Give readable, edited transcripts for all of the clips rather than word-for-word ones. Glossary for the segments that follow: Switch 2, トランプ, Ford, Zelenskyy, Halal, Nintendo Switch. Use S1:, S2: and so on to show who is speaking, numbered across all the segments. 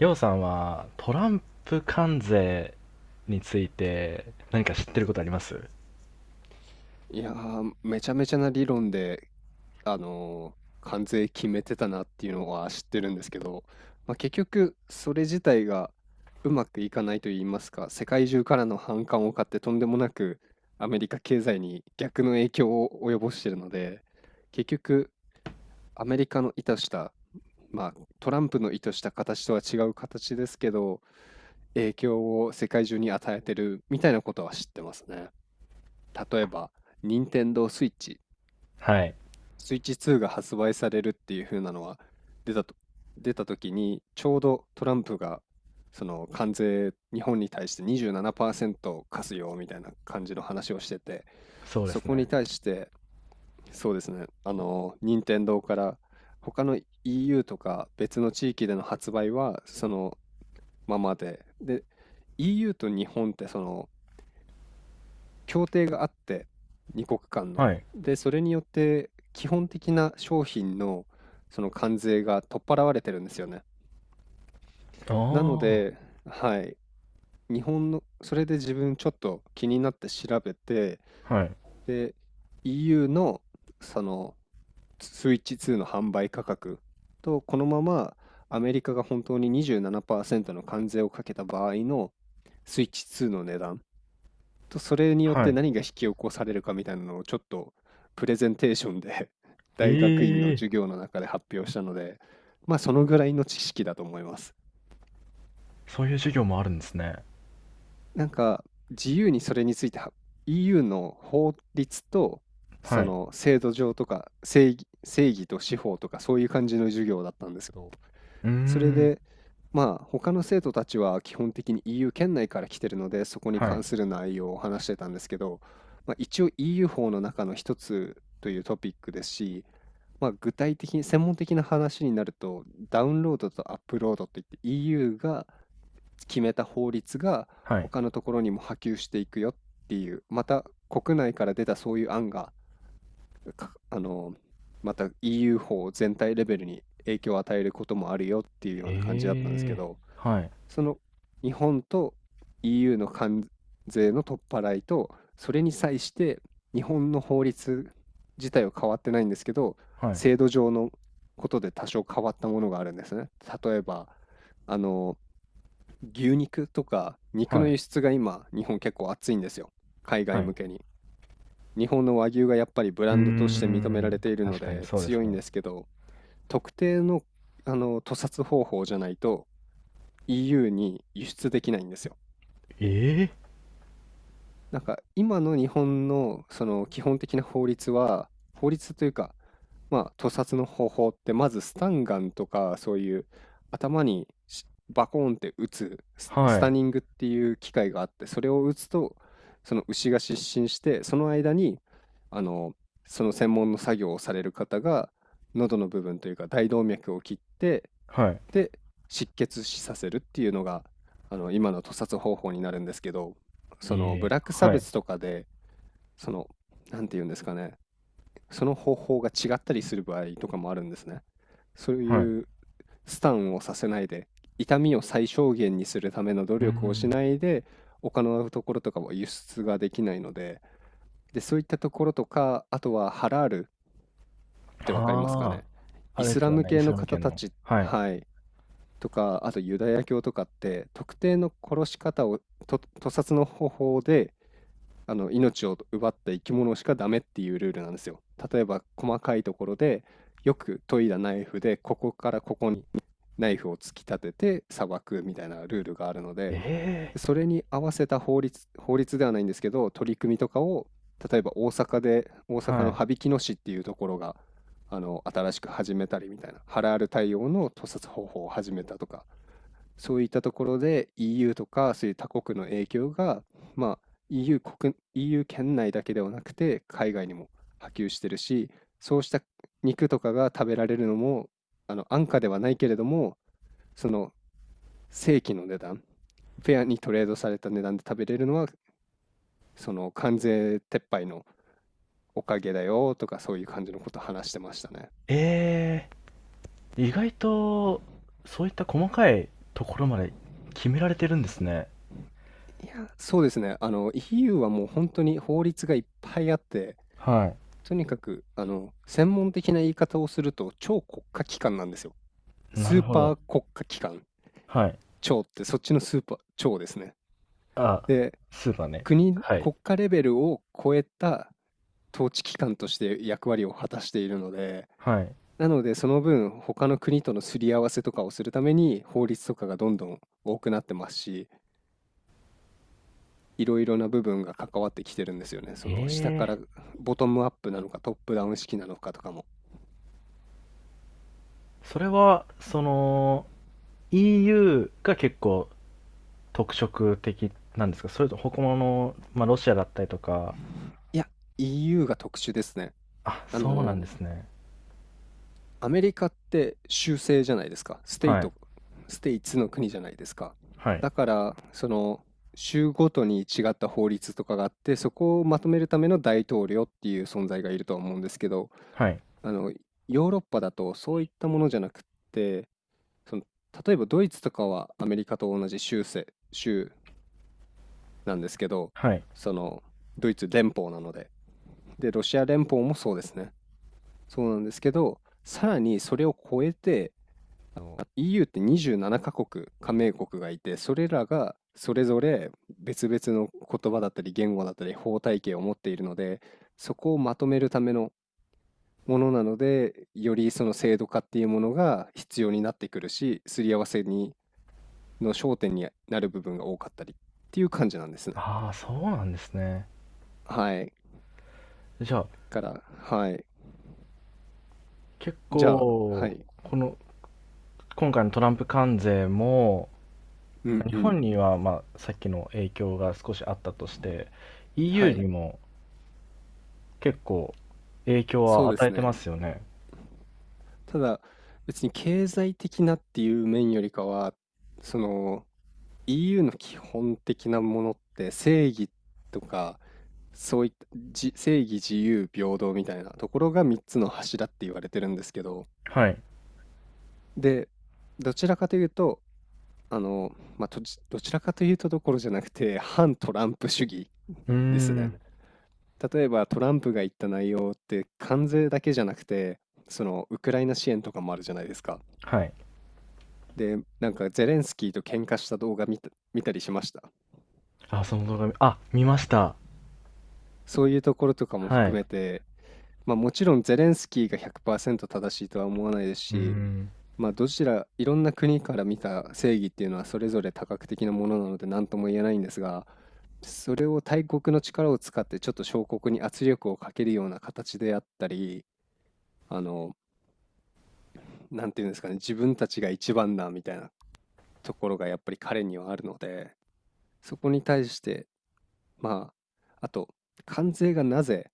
S1: りょうさんはトランプ関税について何か知ってることあります？
S2: いやー、めちゃめちゃな理論で、あのー関税決めてたなっていうのは知ってるんですけど、まあ、結局それ自体がうまくいかないと言いますか、世界中からの反感を買ってとんでもなくアメリカ経済に逆の影響を及ぼしてるので、結局アメリカの意図した、まあ、トランプの意図した形とは違う形ですけど、影響を世界中に与えてるみたいなことは知ってますね。例えば、任天堂スイッチ
S1: はい。
S2: スイッチ2が発売されるっていう風なのは出たと、出た時にちょうどトランプがその関税日本に対して27%課すよみたいな感じの話をしてて、
S1: そうで
S2: そ
S1: す
S2: こに
S1: ね。
S2: 対して、そうですね、あの任天堂から他の EU とか別の地域での発売はそのままでで EU と日本ってその協定があって、2国間の。
S1: はい。
S2: で、それによって基本的な商品のその関税が取っ払われてるんですよね。なの
S1: あ
S2: で、はい、日本の、それで自分ちょっと気になって調べて、
S1: あ。はい。
S2: で、EU のそのスイッチ2の販売価格と、このままアメリカが本当に27%の関税をかけた場合のスイッチ2の値段と、それによっ
S1: は
S2: て
S1: い。
S2: 何が引き起こされるかみたいなのをちょっとプレゼンテーションで 大学院の
S1: ええ、
S2: 授業の中で発表したので、まあそのぐらいの知識だと思います。
S1: そういう授業もあるんですね。
S2: なんか自由にそれについては EU の法律とそ
S1: はい。
S2: の制度上とか正義と司法とかそういう感じの授業だったんですけど、
S1: うー
S2: それ
S1: ん。
S2: で、まあ、他の生徒たちは基本的に EU 圏内から来てるので、そこに
S1: はい。
S2: 関する内容を話してたんですけど、まあ、一応 EU 法の中の一つというトピックですし、まあ、具体的に専門的な話になると、ダウンロードとアップロードといって EU が決めた法律が
S1: はい。
S2: 他のところにも波及していくよっていう、また国内から出たそういう案がかあの、また EU 法全体レベルに影響を与えることもあるよっていうような感じだったんですけ
S1: ええ、
S2: ど、
S1: はい。
S2: その日本と EU の関税の取っ払いと、それに際して日本の法律自体は変わってないんですけど、
S1: はい。
S2: 制度上のことで多少変わったものがあるんですね。例えば、あの、牛肉とか肉
S1: は
S2: の
S1: い。
S2: 輸出が今、日本結構熱いんですよ。海
S1: は
S2: 外
S1: い。
S2: 向けに。日本の和牛がやっぱりブ
S1: う
S2: ラ
S1: ー
S2: ンドとして認められ
S1: ん。
S2: ているの
S1: 確かに
S2: で
S1: そうです
S2: 強いん
S1: ね。
S2: ですけど、特定の、あの、屠殺方法じゃないと EU に輸出できないんですよ。
S1: ええ、
S2: なんか今の日本のその基本的な法律は、法律というか、まあ、屠殺の方法ってまずスタンガンとかそういう頭にしバコーンって撃つ、ス
S1: は
S2: タ
S1: い。
S2: ニングっていう機械があってそれを撃つとその牛が失神してその間にあのその専門の作業をされる方が喉の部分というか大動脈を切って
S1: はい。
S2: で、失血死させるっていうのが、あの、今の屠殺方法になるんですけど、
S1: え
S2: そのブ
S1: え、
S2: ラック差
S1: はい。
S2: 別とかで、その、なんて言うんですかね、その方法が違ったりする場合とかもあるんですね。そう
S1: はい。う
S2: いうスタンをさせないで、痛みを最小限にするための努
S1: ー
S2: 力をし
S1: ん。
S2: ないで、他のところとかは輸出ができないので、で、そういったところとか、あとはハラールってわかりますか
S1: ああ。
S2: ね。
S1: あ
S2: イ
S1: れ
S2: ス
S1: です
S2: ラ
S1: よ
S2: ム
S1: ね。イ
S2: 系
S1: ス
S2: の
S1: ラム
S2: 方
S1: 圏
S2: た
S1: の。
S2: ち、
S1: はい。
S2: はい。とか、あとユダヤ教とかって、特定の殺し方を、と、屠殺の方法で、あの、命を奪った生き物しかダメっていうルールなんですよ。例えば、細かいところで、よく研いだナイフで、ここからここにナイフを突き立てて裁くみたいなルールがあるので、
S1: え、
S2: それに合わせた法律、法律ではないんですけど、取り組みとかを、例えば大阪で、大阪
S1: は
S2: の
S1: い。
S2: 羽曳野市っていうところが、あの、新しく始めたりみたいな、ハラール対応の屠殺方法を始めたとか、そういったところで EU とかそういう他国の影響が、まあ、EU 国、EU 圏内だけではなくて海外にも波及してるし、そうした肉とかが食べられるのも、あの安価ではないけれども、その正規の値段、フェアにトレードされた値段で食べれるのは、その関税撤廃のおかげだよとかそういう感じのこと話してましたね。
S1: え、ええ、意外と、そういった細かいところまで決められてるんですね。
S2: いや、そうですね。あの EU はもう本当に法律がいっぱいあって、
S1: は
S2: とにかく、あの、専門的な言い方をすると、超国家機関なんですよ。
S1: い。な
S2: ス
S1: る
S2: ー
S1: ほ
S2: パ
S1: ど。
S2: ー国家機関。
S1: はい。
S2: 超ってそっちのスーパー、超ですね。
S1: あ、
S2: で、
S1: スーパーね。
S2: 国、
S1: はい。
S2: 国家レベルを超えた統治機関として役割を果たしているので、
S1: はい。
S2: なのでその分他の国とのすり合わせとかをするために法律とかがどんどん多くなってますし、いろいろな部分が関わってきてるんですよね。そ
S1: え
S2: の下から
S1: え、
S2: ボトムアップなのかトップダウン式なのかとかも。
S1: それは、その、EU が結構特色的なんですか？それと他の、まあ、ロシアだったりとか、
S2: いや、EU が特殊ですね。
S1: あ、
S2: あ
S1: そうなん
S2: の、
S1: ですね。
S2: アメリカって州制じゃないですか。
S1: はい。
S2: ステイツの国じゃないですか。
S1: はい。
S2: だから、その、州ごとに違った法律とかがあって、そこをまとめるための大統領っていう存在がいるとは思うんですけど、
S1: はい。
S2: あの、ヨーロッパだとそういったものじゃなくって、その、例えばドイツとかはアメリカと同じ州制、州なんですけど、
S1: はい。
S2: その、ドイツ連邦なので。で、ロシア連邦もそうですね。そうなんですけど、さらにそれを超えて、あの EU って27カ国加盟国がいてそれらがそれぞれ別々の言葉だったり言語だったり法体系を持っているのでそこをまとめるためのものなのでよりその制度化っていうものが必要になってくるしすり合わせにの焦点になる部分が多かったりっていう感じなんですね。
S1: ああ、そうなんですね。
S2: はい。
S1: じゃあ、
S2: から、はい。
S1: 結
S2: じゃあ、は
S1: 構、
S2: い。
S1: この今回のトランプ関税も、
S2: うん
S1: 日
S2: うん。
S1: 本にはまあさっきの影響が少しあったとして、
S2: は
S1: EU
S2: い。
S1: にも結構影響
S2: そ
S1: は
S2: うで
S1: 与
S2: す
S1: えてま
S2: ね。
S1: すよね。
S2: ただ、別に経済的なっていう面よりかは、その EU の基本的なものって正義とか、そういった正義、自由、平等みたいなところが3つの柱って言われてるんですけど、
S1: はい。
S2: で、どちらかというと、あの、まあ、どちらかというとどころじゃなくて、反トランプ主義
S1: うー
S2: ですね。
S1: ん。
S2: 例えばトランプが言った内容って関税だけじゃなくて、そのウクライナ支援とかもあるじゃないですか。
S1: はい。
S2: で、なんかゼレンスキーと喧嘩した動画見たりしました。
S1: あ、その動画見ました。
S2: そういうところとかも
S1: は
S2: 含
S1: い。
S2: めて、まあもちろんゼレンスキーが100%正しいとは思わないです
S1: うー
S2: し、
S1: ん。
S2: まあどちら、いろんな国から見た正義っていうのはそれぞれ多角的なものなので何とも言えないんですが、それを大国の力を使ってちょっと小国に圧力をかけるような形であったり、あの、なんていうんですかね、自分たちが一番だみたいなところがやっぱり彼にはあるので、そこに対してまあ、あと、関税がなぜ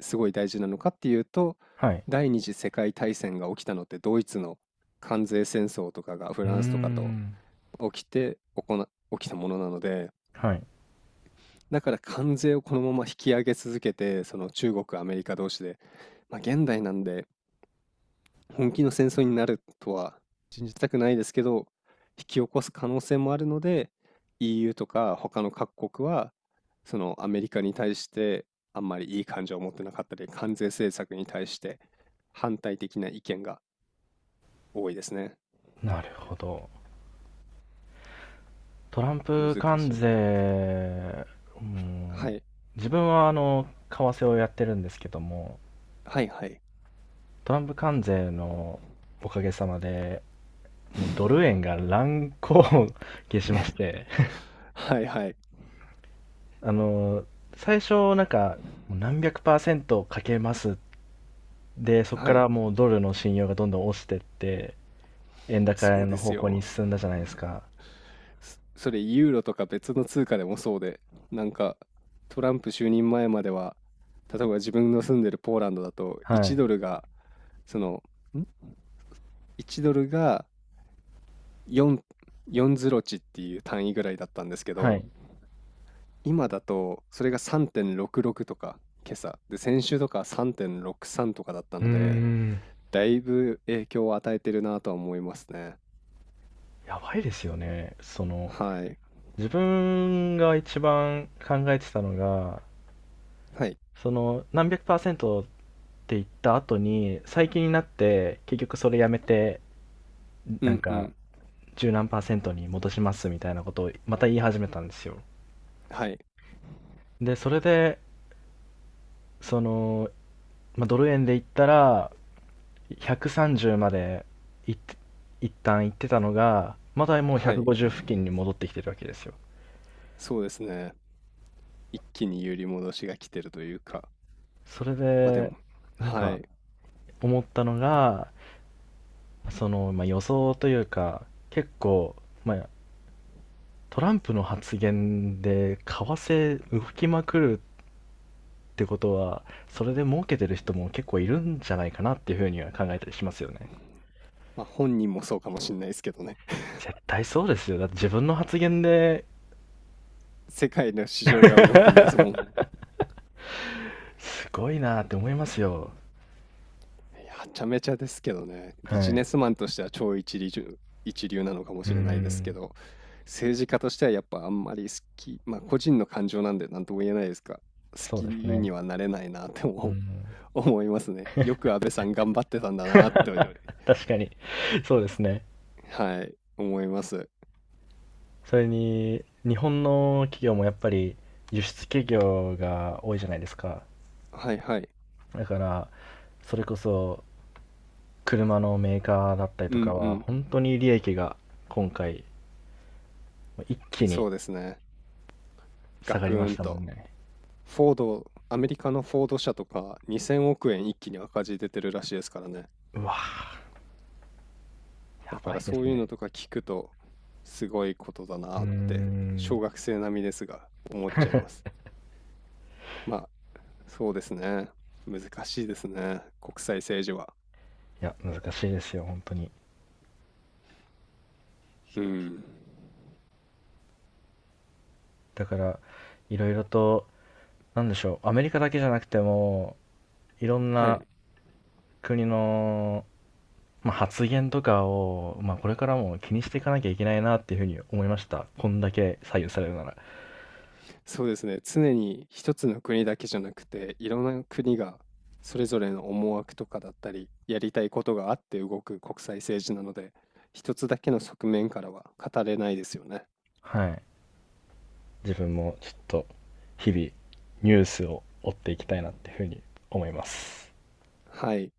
S2: すごい大事なのかっていうと、
S1: はい。
S2: 第二次世界大戦が起きたのってドイツの関税戦争とかがフ
S1: うー
S2: ランスとかと
S1: ん。
S2: 起きて行な起きたものなので、
S1: はい。
S2: だから関税をこのまま引き上げ続けて、その中国、アメリカ同士で、まあ現代なんで本気の戦争になるとは信じたくないですけど、引き起こす可能性もあるので、EU とか他の各国は、そのアメリカに対してあんまりいい感情を持ってなかったり、関税政策に対して反対的な意見が多いですね。
S1: なるほど。トラン
S2: 難
S1: プ関
S2: しいね。
S1: 税、う
S2: は
S1: ん、
S2: い、
S1: 自分は為替をやってるんですけども、
S2: はいはい。
S1: トランプ関税のおかげさまで、もうド ル円が乱高下しまして、
S2: はいはい、
S1: あの、最初なんか、もう何百パーセントかけます。で、そこ
S2: は
S1: か
S2: い、
S1: らもうドルの信用がどんどん落ちてって、円高
S2: そう
S1: の
S2: です
S1: 方向に
S2: よ。
S1: 進んだじゃないですか。
S2: それユーロとか別の通貨でもそうで、なんかトランプ就任前までは、例えば自分の住んでるポーランドだと
S1: はい。
S2: その、ん ?1ドルが4、4ズロ値っていう単位ぐらいだったんですけ
S1: はい。
S2: ど、
S1: う
S2: 今だとそれが3.66とか、今朝。で、先週とか3.63とかだった
S1: ー
S2: ので、
S1: ん。
S2: だいぶ影響を与えてるなとは思いますね。
S1: やばいですよね。その、
S2: はい。
S1: 自分が一番考えてたのが、
S2: はい。
S1: その、何百パーセントって言った後に、最近になって、結局それやめて、
S2: う
S1: なん
S2: んう
S1: か、
S2: ん。
S1: 十何パーセントに戻しますみたいなことをまた言い始めたんですよ。
S2: はい。
S1: で、それで、その、まあ、ドル円で言ったら130までいっ一旦行ってたのがまだもう
S2: はい。
S1: 150付近に戻ってきてるわけですよ。
S2: そうですね。一気に揺り戻しが来てるというか、
S1: それ
S2: まあで
S1: で、
S2: も、
S1: なん
S2: は
S1: か
S2: い。
S1: 思ったのが、その、まあ、予想というか結構、まあ、トランプの発言で為替動きまくるってことは、それで儲けてる人も結構いるんじゃないかなっていうふうには考えたりしますよね。
S2: まあ本人もそうかもしれないですけどね。
S1: 絶対そうですよ。だって自分の発言で、
S2: 世界の市場が動くんですもん。い
S1: すごいなって思いますよ。
S2: やはちゃめちゃですけどね。ビ
S1: は
S2: ジネ
S1: い。
S2: スマンとしては超一流なのかも
S1: うー
S2: しれないですけ
S1: ん、
S2: ど、政治家としてはやっぱあんまり好き、まあ個人の感情なんで何とも言えないですが、好
S1: そう
S2: き
S1: です
S2: に
S1: ね。
S2: はなれないなって
S1: う
S2: 思う
S1: ん、
S2: 思いますね。よく安倍さん頑張ってたんだ なって、
S1: 確かに。そうですね。
S2: はい、思います。
S1: それに、日本の企業もやっぱり輸出企業が多いじゃないですか。
S2: はいはい。
S1: だから、それこそ車のメーカーだったり
S2: うん
S1: と
S2: う
S1: かは、
S2: ん。
S1: 本当に利益が今回、一気に
S2: そうですね。
S1: 下
S2: ガ
S1: が
S2: ク
S1: りま
S2: ー
S1: し
S2: ン
S1: たもん
S2: と。
S1: ね。
S2: フォード、アメリカのフォード社とか2000億円一気に赤字出てるらしいですからね。
S1: うわーや
S2: だか
S1: ば
S2: ら
S1: いで
S2: そ
S1: す
S2: ういうの
S1: ね。
S2: とか聞くとすごいことだ
S1: う
S2: な
S1: ー
S2: って小
S1: ん。
S2: 学生並みですが思っちゃいます。まあそうですね。難しいですね。国際政治は。
S1: いや、難しいですよ、本当に。
S2: うん。
S1: だから、いろいろと、なんでしょう、アメリカだけじゃなくても、いろん
S2: は
S1: な
S2: い。
S1: 国の、まあ、発言とかを、まあ、これからも気にしていかなきゃいけないなっていうふうに思いました。こんだけ左右されるなら。
S2: そうですね。常に一つの国だけじゃなくて、いろんな国がそれぞれの思惑とかだったり、やりたいことがあって動く国際政治なので、一つだけの側面からは語れないですよね。
S1: はい。自分もちょっと、日々、ニュースを追っていきたいなっていうふうに思います。
S2: はい。